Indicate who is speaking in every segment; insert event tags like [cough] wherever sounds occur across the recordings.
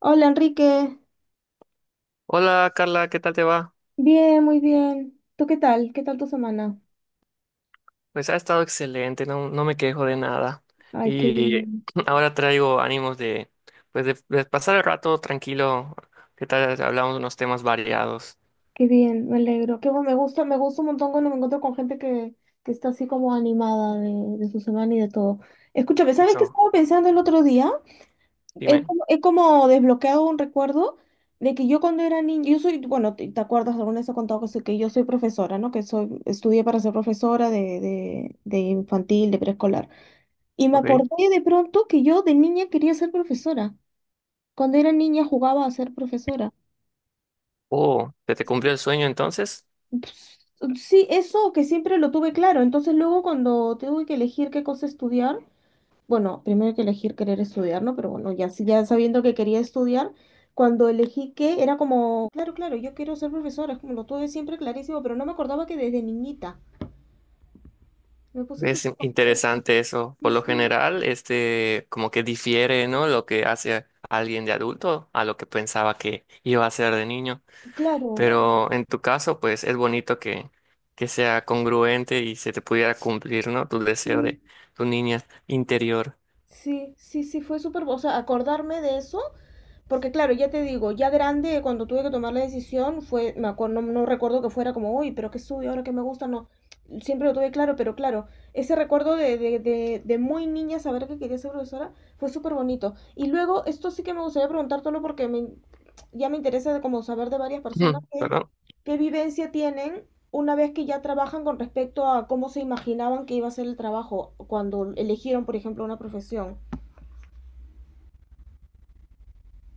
Speaker 1: Hola Enrique,
Speaker 2: Hola Carla, ¿qué tal te va?
Speaker 1: bien, muy bien. ¿Tú qué tal? ¿Qué tal tu semana?
Speaker 2: Pues ha estado excelente, no, no me quejo de nada.
Speaker 1: Ay,
Speaker 2: Y [clears throat] ahora traigo ánimos de, pues de pasar el rato tranquilo. ¿Qué tal? Si hablamos de unos temas variados.
Speaker 1: qué bien, me alegro. Qué bueno, me gusta un montón cuando me encuentro con gente que está así como animada de su semana y de todo. Escúchame, ¿sabes qué
Speaker 2: Eso,
Speaker 1: estaba pensando el otro día?
Speaker 2: dime.
Speaker 1: He como desbloqueado un recuerdo de que yo cuando era niña, yo soy, bueno, te acuerdas, alguna vez he contado que soy, que yo soy profesora, ¿no? Que soy, estudié para ser profesora de, de infantil, de preescolar. Y me
Speaker 2: Ok.
Speaker 1: acordé de pronto que yo de niña quería ser profesora. Cuando era niña jugaba a ser profesora.
Speaker 2: Oh, ¿se te cumplió el sueño entonces?
Speaker 1: Ps- Sí, eso que siempre lo tuve claro. Entonces luego cuando tuve que elegir qué cosa estudiar, bueno, primero hay que elegir querer estudiar, ¿no? Pero bueno, ya, ya sabiendo que quería estudiar, cuando elegí qué, era como, claro, claro, yo quiero ser profesora, es como lo tuve siempre clarísimo, pero no me acordaba que desde niñita. Me puse
Speaker 2: Es
Speaker 1: súper contenta.
Speaker 2: interesante eso.
Speaker 1: Sí,
Speaker 2: Por lo
Speaker 1: sí,
Speaker 2: general, como que difiere, ¿no? Lo que hace alguien de adulto a lo que pensaba que iba a ser de niño.
Speaker 1: claro.
Speaker 2: Pero en tu caso, pues es bonito que sea congruente y se te pudiera cumplir, ¿no? Tu deseo
Speaker 1: Sí,
Speaker 2: de tu niña interior.
Speaker 1: sí, sí, sí, fue súper, o sea, acordarme de eso. Porque claro, ya te digo, ya grande, cuando tuve que tomar la decisión, fue, me acuerdo, no, no recuerdo que fuera como, uy, pero qué sube, ahora que me gusta, no. Siempre lo tuve claro, pero claro, ese recuerdo de muy niña saber que quería ser profesora fue súper bonito. Y luego, esto sí que me gustaría preguntártelo porque me, ya me interesa de como saber de varias personas
Speaker 2: Ujú.
Speaker 1: que,
Speaker 2: ¿Perdón?
Speaker 1: qué vivencia tienen una vez que ya trabajan con respecto a cómo se imaginaban que iba a ser el trabajo cuando eligieron, por ejemplo, una profesión.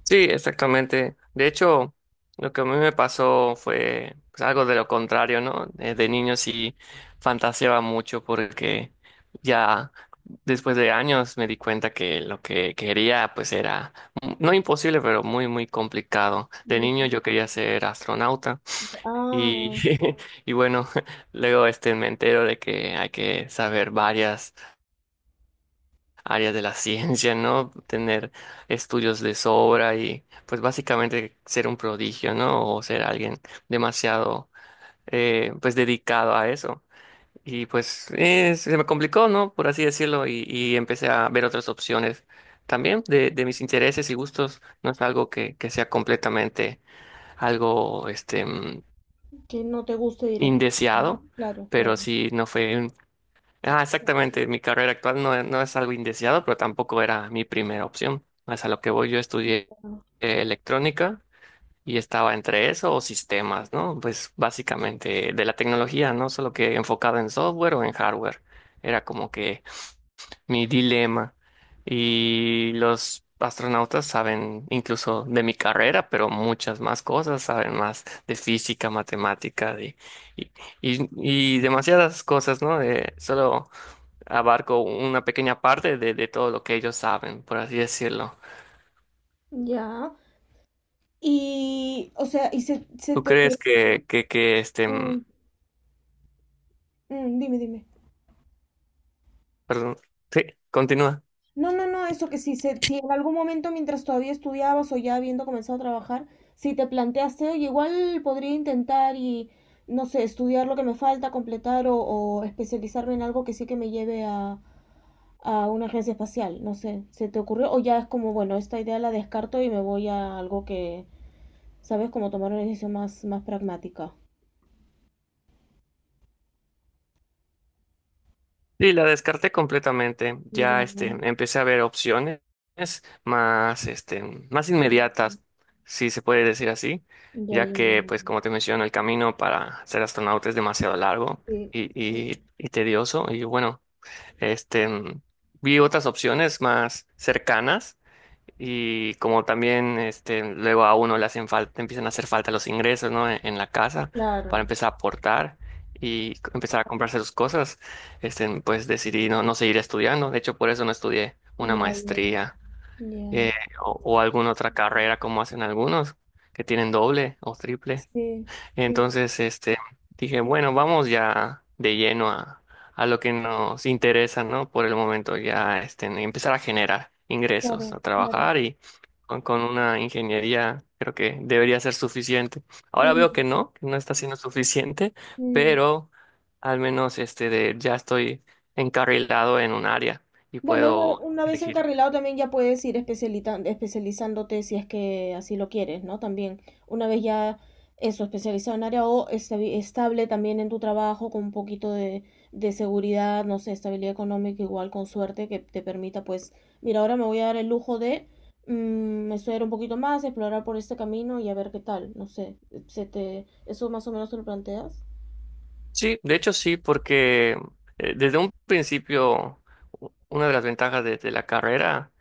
Speaker 2: Sí, exactamente. De hecho, lo que a mí me pasó fue pues algo de lo contrario, ¿no? De niño sí fantaseaba mucho porque ya después de años me di cuenta que lo que quería pues era, no imposible, pero muy, muy complicado. De niño
Speaker 1: Ya.
Speaker 2: yo quería ser astronauta. Y,
Speaker 1: Ah.
Speaker 2: [laughs] y bueno, [laughs] luego me entero de que hay que saber varias áreas de la [laughs] ciencia, ¿no? Tener estudios de sobra y pues básicamente ser un prodigio, ¿no? O ser alguien demasiado pues dedicado a eso. Y pues se me complicó, ¿no? Por así decirlo, y empecé a ver otras opciones también de mis intereses y gustos. No es algo que sea completamente algo
Speaker 1: Que no te guste
Speaker 2: indeseado,
Speaker 1: directamente. Claro,
Speaker 2: pero
Speaker 1: claro.
Speaker 2: sí no Ah, exactamente, mi carrera actual no, no es algo indeseado, pero tampoco era mi primera opción. Es a lo que voy, yo estudié
Speaker 1: Claro.
Speaker 2: electrónica y estaba entre eso o sistemas, ¿no? Pues básicamente de la tecnología, no solo que enfocado en software o en hardware. Era como que mi dilema. Y los astronautas saben incluso de mi carrera, pero muchas más cosas, saben más de física, matemática, de, y, y- y demasiadas cosas, ¿no? Solo abarco una pequeña parte de todo lo que ellos saben, por así decirlo.
Speaker 1: Ya. Y, o sea, y se
Speaker 2: ¿Tú
Speaker 1: te
Speaker 2: crees
Speaker 1: ocurre.
Speaker 2: que
Speaker 1: mm, dime, dime.
Speaker 2: perdón, sí, continúa.
Speaker 1: No, no, no, eso que si, se, si en algún momento mientras todavía estudiabas o ya habiendo comenzado a trabajar, si te planteaste, oye, igual podría intentar y, no sé, estudiar lo que me falta, completar o especializarme en algo que sí que me lleve a una agencia espacial, no sé, ¿se te ocurrió? O ya es como, bueno, esta idea la descarto y me voy a algo que, ¿sabes? Como tomar una decisión más, más pragmática.
Speaker 2: Y la descarté completamente.
Speaker 1: Ya,
Speaker 2: Ya
Speaker 1: ya, ya,
Speaker 2: empecé a ver opciones más, más inmediatas, si se puede decir así, ya
Speaker 1: ya.
Speaker 2: que, pues, como te menciono, el camino para ser astronauta es demasiado largo
Speaker 1: Sí,
Speaker 2: y,
Speaker 1: sí,
Speaker 2: y tedioso. Y bueno, este, vi otras opciones más cercanas y como también luego a uno le hacen falta, empiezan a hacer falta los ingresos, ¿no? En la casa para
Speaker 1: claro.
Speaker 2: empezar a aportar empezar a comprarse sus cosas, pues decidí no, no seguir estudiando. De hecho, por eso no estudié una
Speaker 1: Ya, ya, ya,
Speaker 2: maestría
Speaker 1: ya.
Speaker 2: eh, o alguna otra carrera como hacen algunos que tienen doble o triple.
Speaker 1: Sí, sí,
Speaker 2: Entonces, dije, bueno, vamos ya de lleno a lo que nos interesa, ¿no? Por el momento, ya empezar a generar ingresos, a
Speaker 1: claro, claro.
Speaker 2: trabajar y con una ingeniería creo que debería ser suficiente. Ahora veo
Speaker 1: Mm,
Speaker 2: que no está siendo suficiente,
Speaker 1: mm.
Speaker 2: pero al menos de, ya estoy encarrilado en un área y
Speaker 1: Bueno,
Speaker 2: puedo
Speaker 1: una vez
Speaker 2: elegir.
Speaker 1: encarrilado también ya puedes ir especializándote si es que así lo quieres, ¿no? También, una vez ya eso, especializado en área o estable también en tu trabajo, con un poquito de seguridad, no sé, estabilidad económica, igual con suerte, que te permita, pues, mira, ahora me voy a dar el lujo de estudiar un poquito más, explorar por este camino y a ver qué tal, no sé, se te, eso más o menos te lo planteas.
Speaker 2: Sí, de hecho sí, porque desde un principio una de las ventajas de la carrera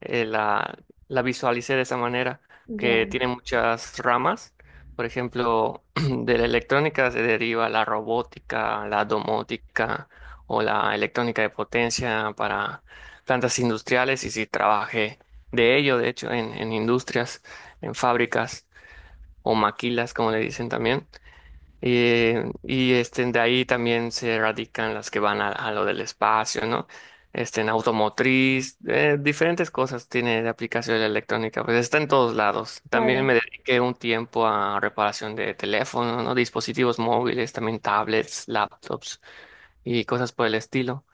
Speaker 2: la, la visualicé de esa manera,
Speaker 1: Ya,
Speaker 2: que tiene muchas ramas. Por ejemplo, [clears throat] de la electrónica se deriva la robótica, la domótica o la electrónica de potencia para plantas industriales y si trabajé de ello, de hecho, en industrias, en fábricas o maquilas, como le dicen también. Y de ahí también se radican las que van a lo del espacio, ¿no? En automotriz, diferentes cosas tiene de aplicación la electrónica, pues está en todos lados. También
Speaker 1: claro,
Speaker 2: me dediqué un tiempo a reparación de teléfonos, ¿no? Dispositivos móviles, también tablets, laptops y cosas por el estilo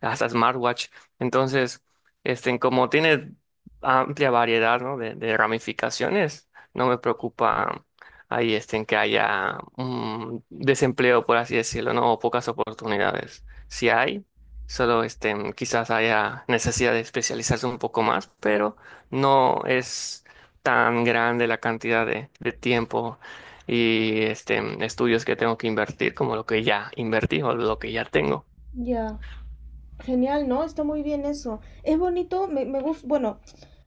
Speaker 2: hasta smartwatch. Entonces, como tiene amplia variedad, ¿no? De ramificaciones, no me preocupa ahí en que haya un desempleo, por así decirlo, ¿no? O pocas oportunidades. Si hay, solo quizás haya necesidad de especializarse un poco más, pero no es tan grande la cantidad de tiempo y estudios que tengo que invertir como lo que ya invertí o lo que ya tengo.
Speaker 1: ya. Genial, ¿no? Está muy bien eso. Es bonito, me gusta, bueno,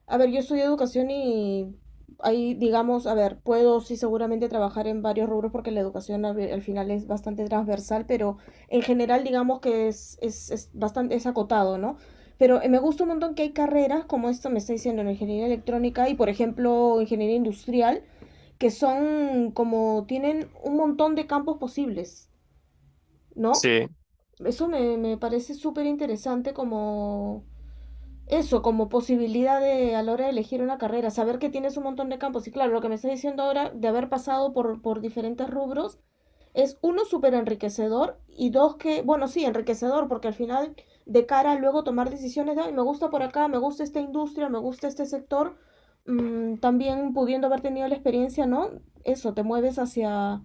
Speaker 1: a ver, yo estudio educación y ahí, digamos, a ver, puedo sí seguramente trabajar en varios rubros porque la educación al final es bastante transversal, pero en general digamos que es bastante, es acotado, ¿no? Pero me gusta un montón que hay carreras, como esto me está diciendo, en ingeniería electrónica y, por ejemplo, ingeniería industrial, que son como, tienen un montón de campos posibles, ¿no?
Speaker 2: Sí.
Speaker 1: Eso me, me parece súper interesante como eso, como posibilidad de a la hora de elegir una carrera, saber que tienes un montón de campos. Y claro, lo que me estás diciendo ahora de haber pasado por diferentes rubros es uno súper enriquecedor y dos que, bueno, sí, enriquecedor porque al final de cara a luego tomar decisiones de, "Ay, me gusta por acá, me gusta esta industria, me gusta este sector, también pudiendo haber tenido la experiencia, ¿no? Eso, te mueves hacia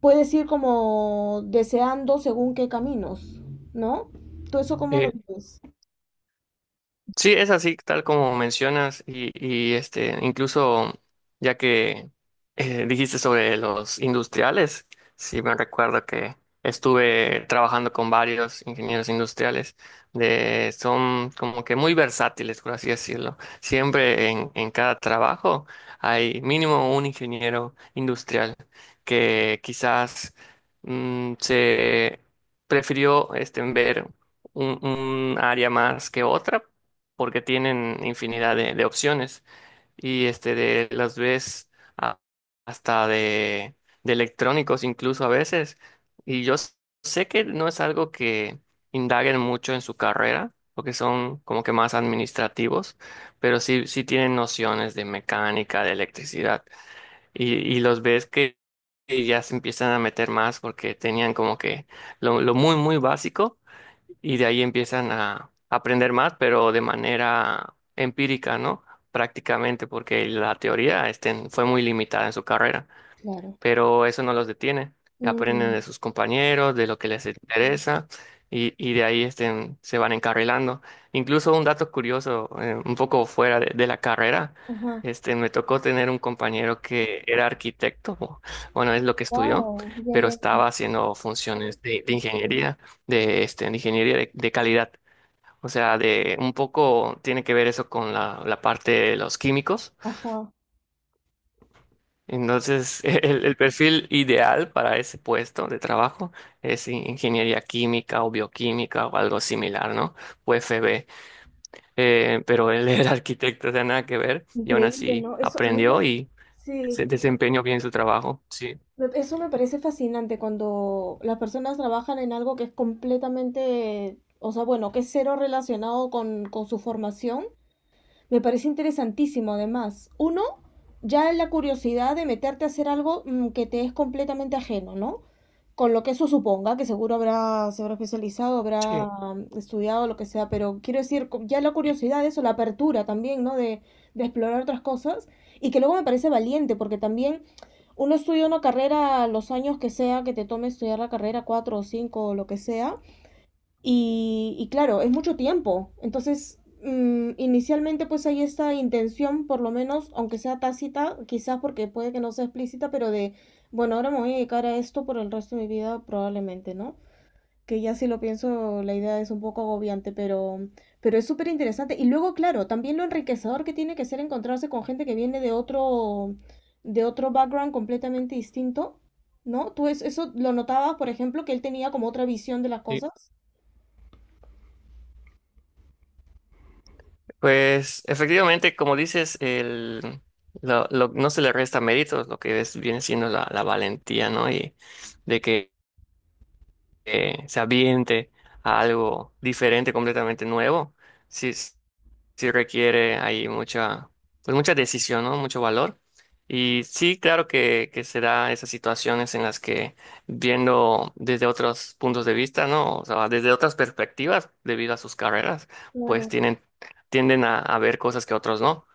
Speaker 1: puedes ir como deseando según qué caminos, ¿no? ¿Tú eso cómo
Speaker 2: Sí.
Speaker 1: lo vives?
Speaker 2: Sí, es así, tal como mencionas, y, incluso ya que dijiste sobre los industriales, sí me recuerdo que estuve trabajando con varios ingenieros industriales, de, son como que muy versátiles, por así decirlo. Siempre en cada trabajo hay mínimo un ingeniero industrial que quizás se prefirió ver un un área más que otra porque tienen infinidad de opciones y de las ves a- hasta de electrónicos incluso a veces y yo sé que no es algo que indaguen mucho en su carrera porque son como que más administrativos, pero sí, sí tienen nociones de mecánica, de electricidad y los ves que ya se empiezan a meter más porque tenían como que lo muy muy básico y de ahí empiezan a aprender más, pero de manera empírica, ¿no? Prácticamente, porque la teoría fue muy limitada en su carrera,
Speaker 1: Claro.
Speaker 2: pero eso no los detiene. Aprenden de
Speaker 1: Mm,
Speaker 2: sus compañeros, de lo que les interesa y de ahí se van encarrilando. Incluso un dato curioso, un poco fuera de la carrera,
Speaker 1: ajá.
Speaker 2: me tocó tener un compañero que era arquitecto, bueno, es lo que estudió,
Speaker 1: Wow. Ya,
Speaker 2: pero
Speaker 1: ya, ya.
Speaker 2: estaba haciendo funciones de ingeniería, de, de ingeniería de calidad. O sea, de un poco tiene que ver eso con la, la parte de los químicos,
Speaker 1: Ajá.
Speaker 2: entonces [laughs] el perfil ideal para ese puesto de trabajo es ingeniería química o bioquímica o algo similar, ¿no? UFB. Pero él [laughs] era arquitecto, o sea, nada que ver, y aún
Speaker 1: Increíble,
Speaker 2: así
Speaker 1: ¿no? Eso a mí
Speaker 2: aprendió
Speaker 1: me,
Speaker 2: y
Speaker 1: sí,
Speaker 2: se desempeñó bien su trabajo. Sí,
Speaker 1: eso me parece fascinante cuando las personas trabajan en algo que es completamente, o sea, bueno, que es cero relacionado con su formación. Me parece interesantísimo, además. Uno, ya la curiosidad de meterte a hacer algo que te es completamente ajeno, ¿no? Con lo que eso suponga, que seguro habrá, se habrá especializado,
Speaker 2: sí,
Speaker 1: habrá estudiado, lo que sea, pero quiero decir, ya la curiosidad de eso, la apertura también, ¿no? De explorar otras cosas. Y que luego me parece valiente, porque también uno estudia una carrera los años que sea, que te tome estudiar la carrera, cuatro o cinco o lo que sea, y claro, es mucho tiempo. Entonces, inicialmente pues hay esta intención, por lo menos, aunque sea tácita, quizás porque puede que no sea explícita, pero de, bueno, ahora me voy a dedicar a esto por el resto de mi vida probablemente, ¿no? Que ya si lo pienso, la idea es un poco agobiante, pero es súper interesante. Y luego, claro, también lo enriquecedor que tiene que ser encontrarse con gente que viene de otro background completamente distinto, ¿no? Tú es, eso lo notabas, por ejemplo, que él tenía como otra visión de las
Speaker 2: sí.
Speaker 1: cosas.
Speaker 2: Pues efectivamente, como dices, no se le resta méritos, lo que es, viene siendo la, la valentía, ¿no? Y de que se aviente a algo diferente, completamente nuevo, sí, sí requiere ahí mucha, pues mucha decisión, ¿no? Mucho valor. Y sí, claro que se da esas situaciones en las que viendo desde otros puntos de vista, ¿no? O sea, desde otras perspectivas, debido a sus carreras, pues
Speaker 1: Claro.
Speaker 2: tienen, tienden a ver cosas que otros no.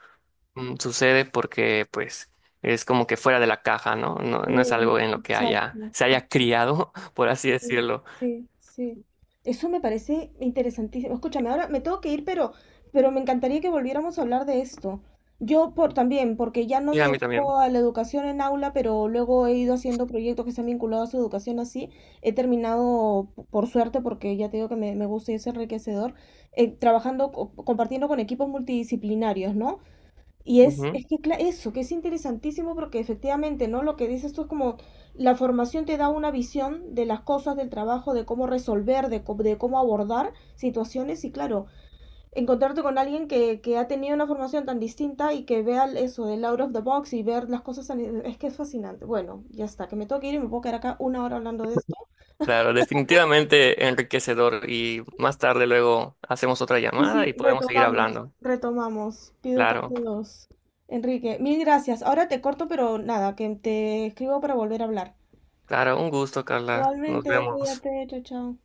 Speaker 2: Sucede porque, pues, es como que fuera de la caja, ¿no? No, no es algo
Speaker 1: Mm,
Speaker 2: en lo que haya,
Speaker 1: exacto.
Speaker 2: se haya criado, [laughs] por así
Speaker 1: Mm,
Speaker 2: decirlo.
Speaker 1: sí, sí. Eso me parece interesantísimo. Escúchame, ahora me tengo que ir, pero me encantaría que volviéramos a hablar de esto. Yo por también, porque ya no
Speaker 2: Y
Speaker 1: me
Speaker 2: a mí también.
Speaker 1: dedico a la educación en aula, pero luego he ido haciendo proyectos que se han vinculado a su educación así. He terminado, por suerte, porque ya te digo que me gusta y es enriquecedor, trabajando, compartiendo con equipos multidisciplinarios, ¿no? Y
Speaker 2: Ujú.
Speaker 1: es que eso, que es interesantísimo porque efectivamente, ¿no? Lo que dices tú es como la formación te da una visión de las cosas, del trabajo, de cómo resolver, de, de cómo abordar situaciones y claro, encontrarte con alguien que ha tenido una formación tan distinta y que vea eso del out of the box y ver las cosas tan, es que es fascinante. Bueno, ya está, que me tengo que ir y me puedo quedar acá 1 hora hablando de esto.
Speaker 2: Claro, definitivamente enriquecedor. Y más tarde luego hacemos otra
Speaker 1: Y
Speaker 2: llamada y
Speaker 1: sí,
Speaker 2: podemos seguir
Speaker 1: retomamos,
Speaker 2: hablando.
Speaker 1: retomamos. Pido
Speaker 2: Claro,
Speaker 1: parte 2 Enrique, mil gracias. Ahora te corto, pero nada, que te escribo para volver a hablar.
Speaker 2: claro, un gusto, Carla. Nos
Speaker 1: Igualmente,
Speaker 2: vemos.
Speaker 1: cuídate, chao, chao.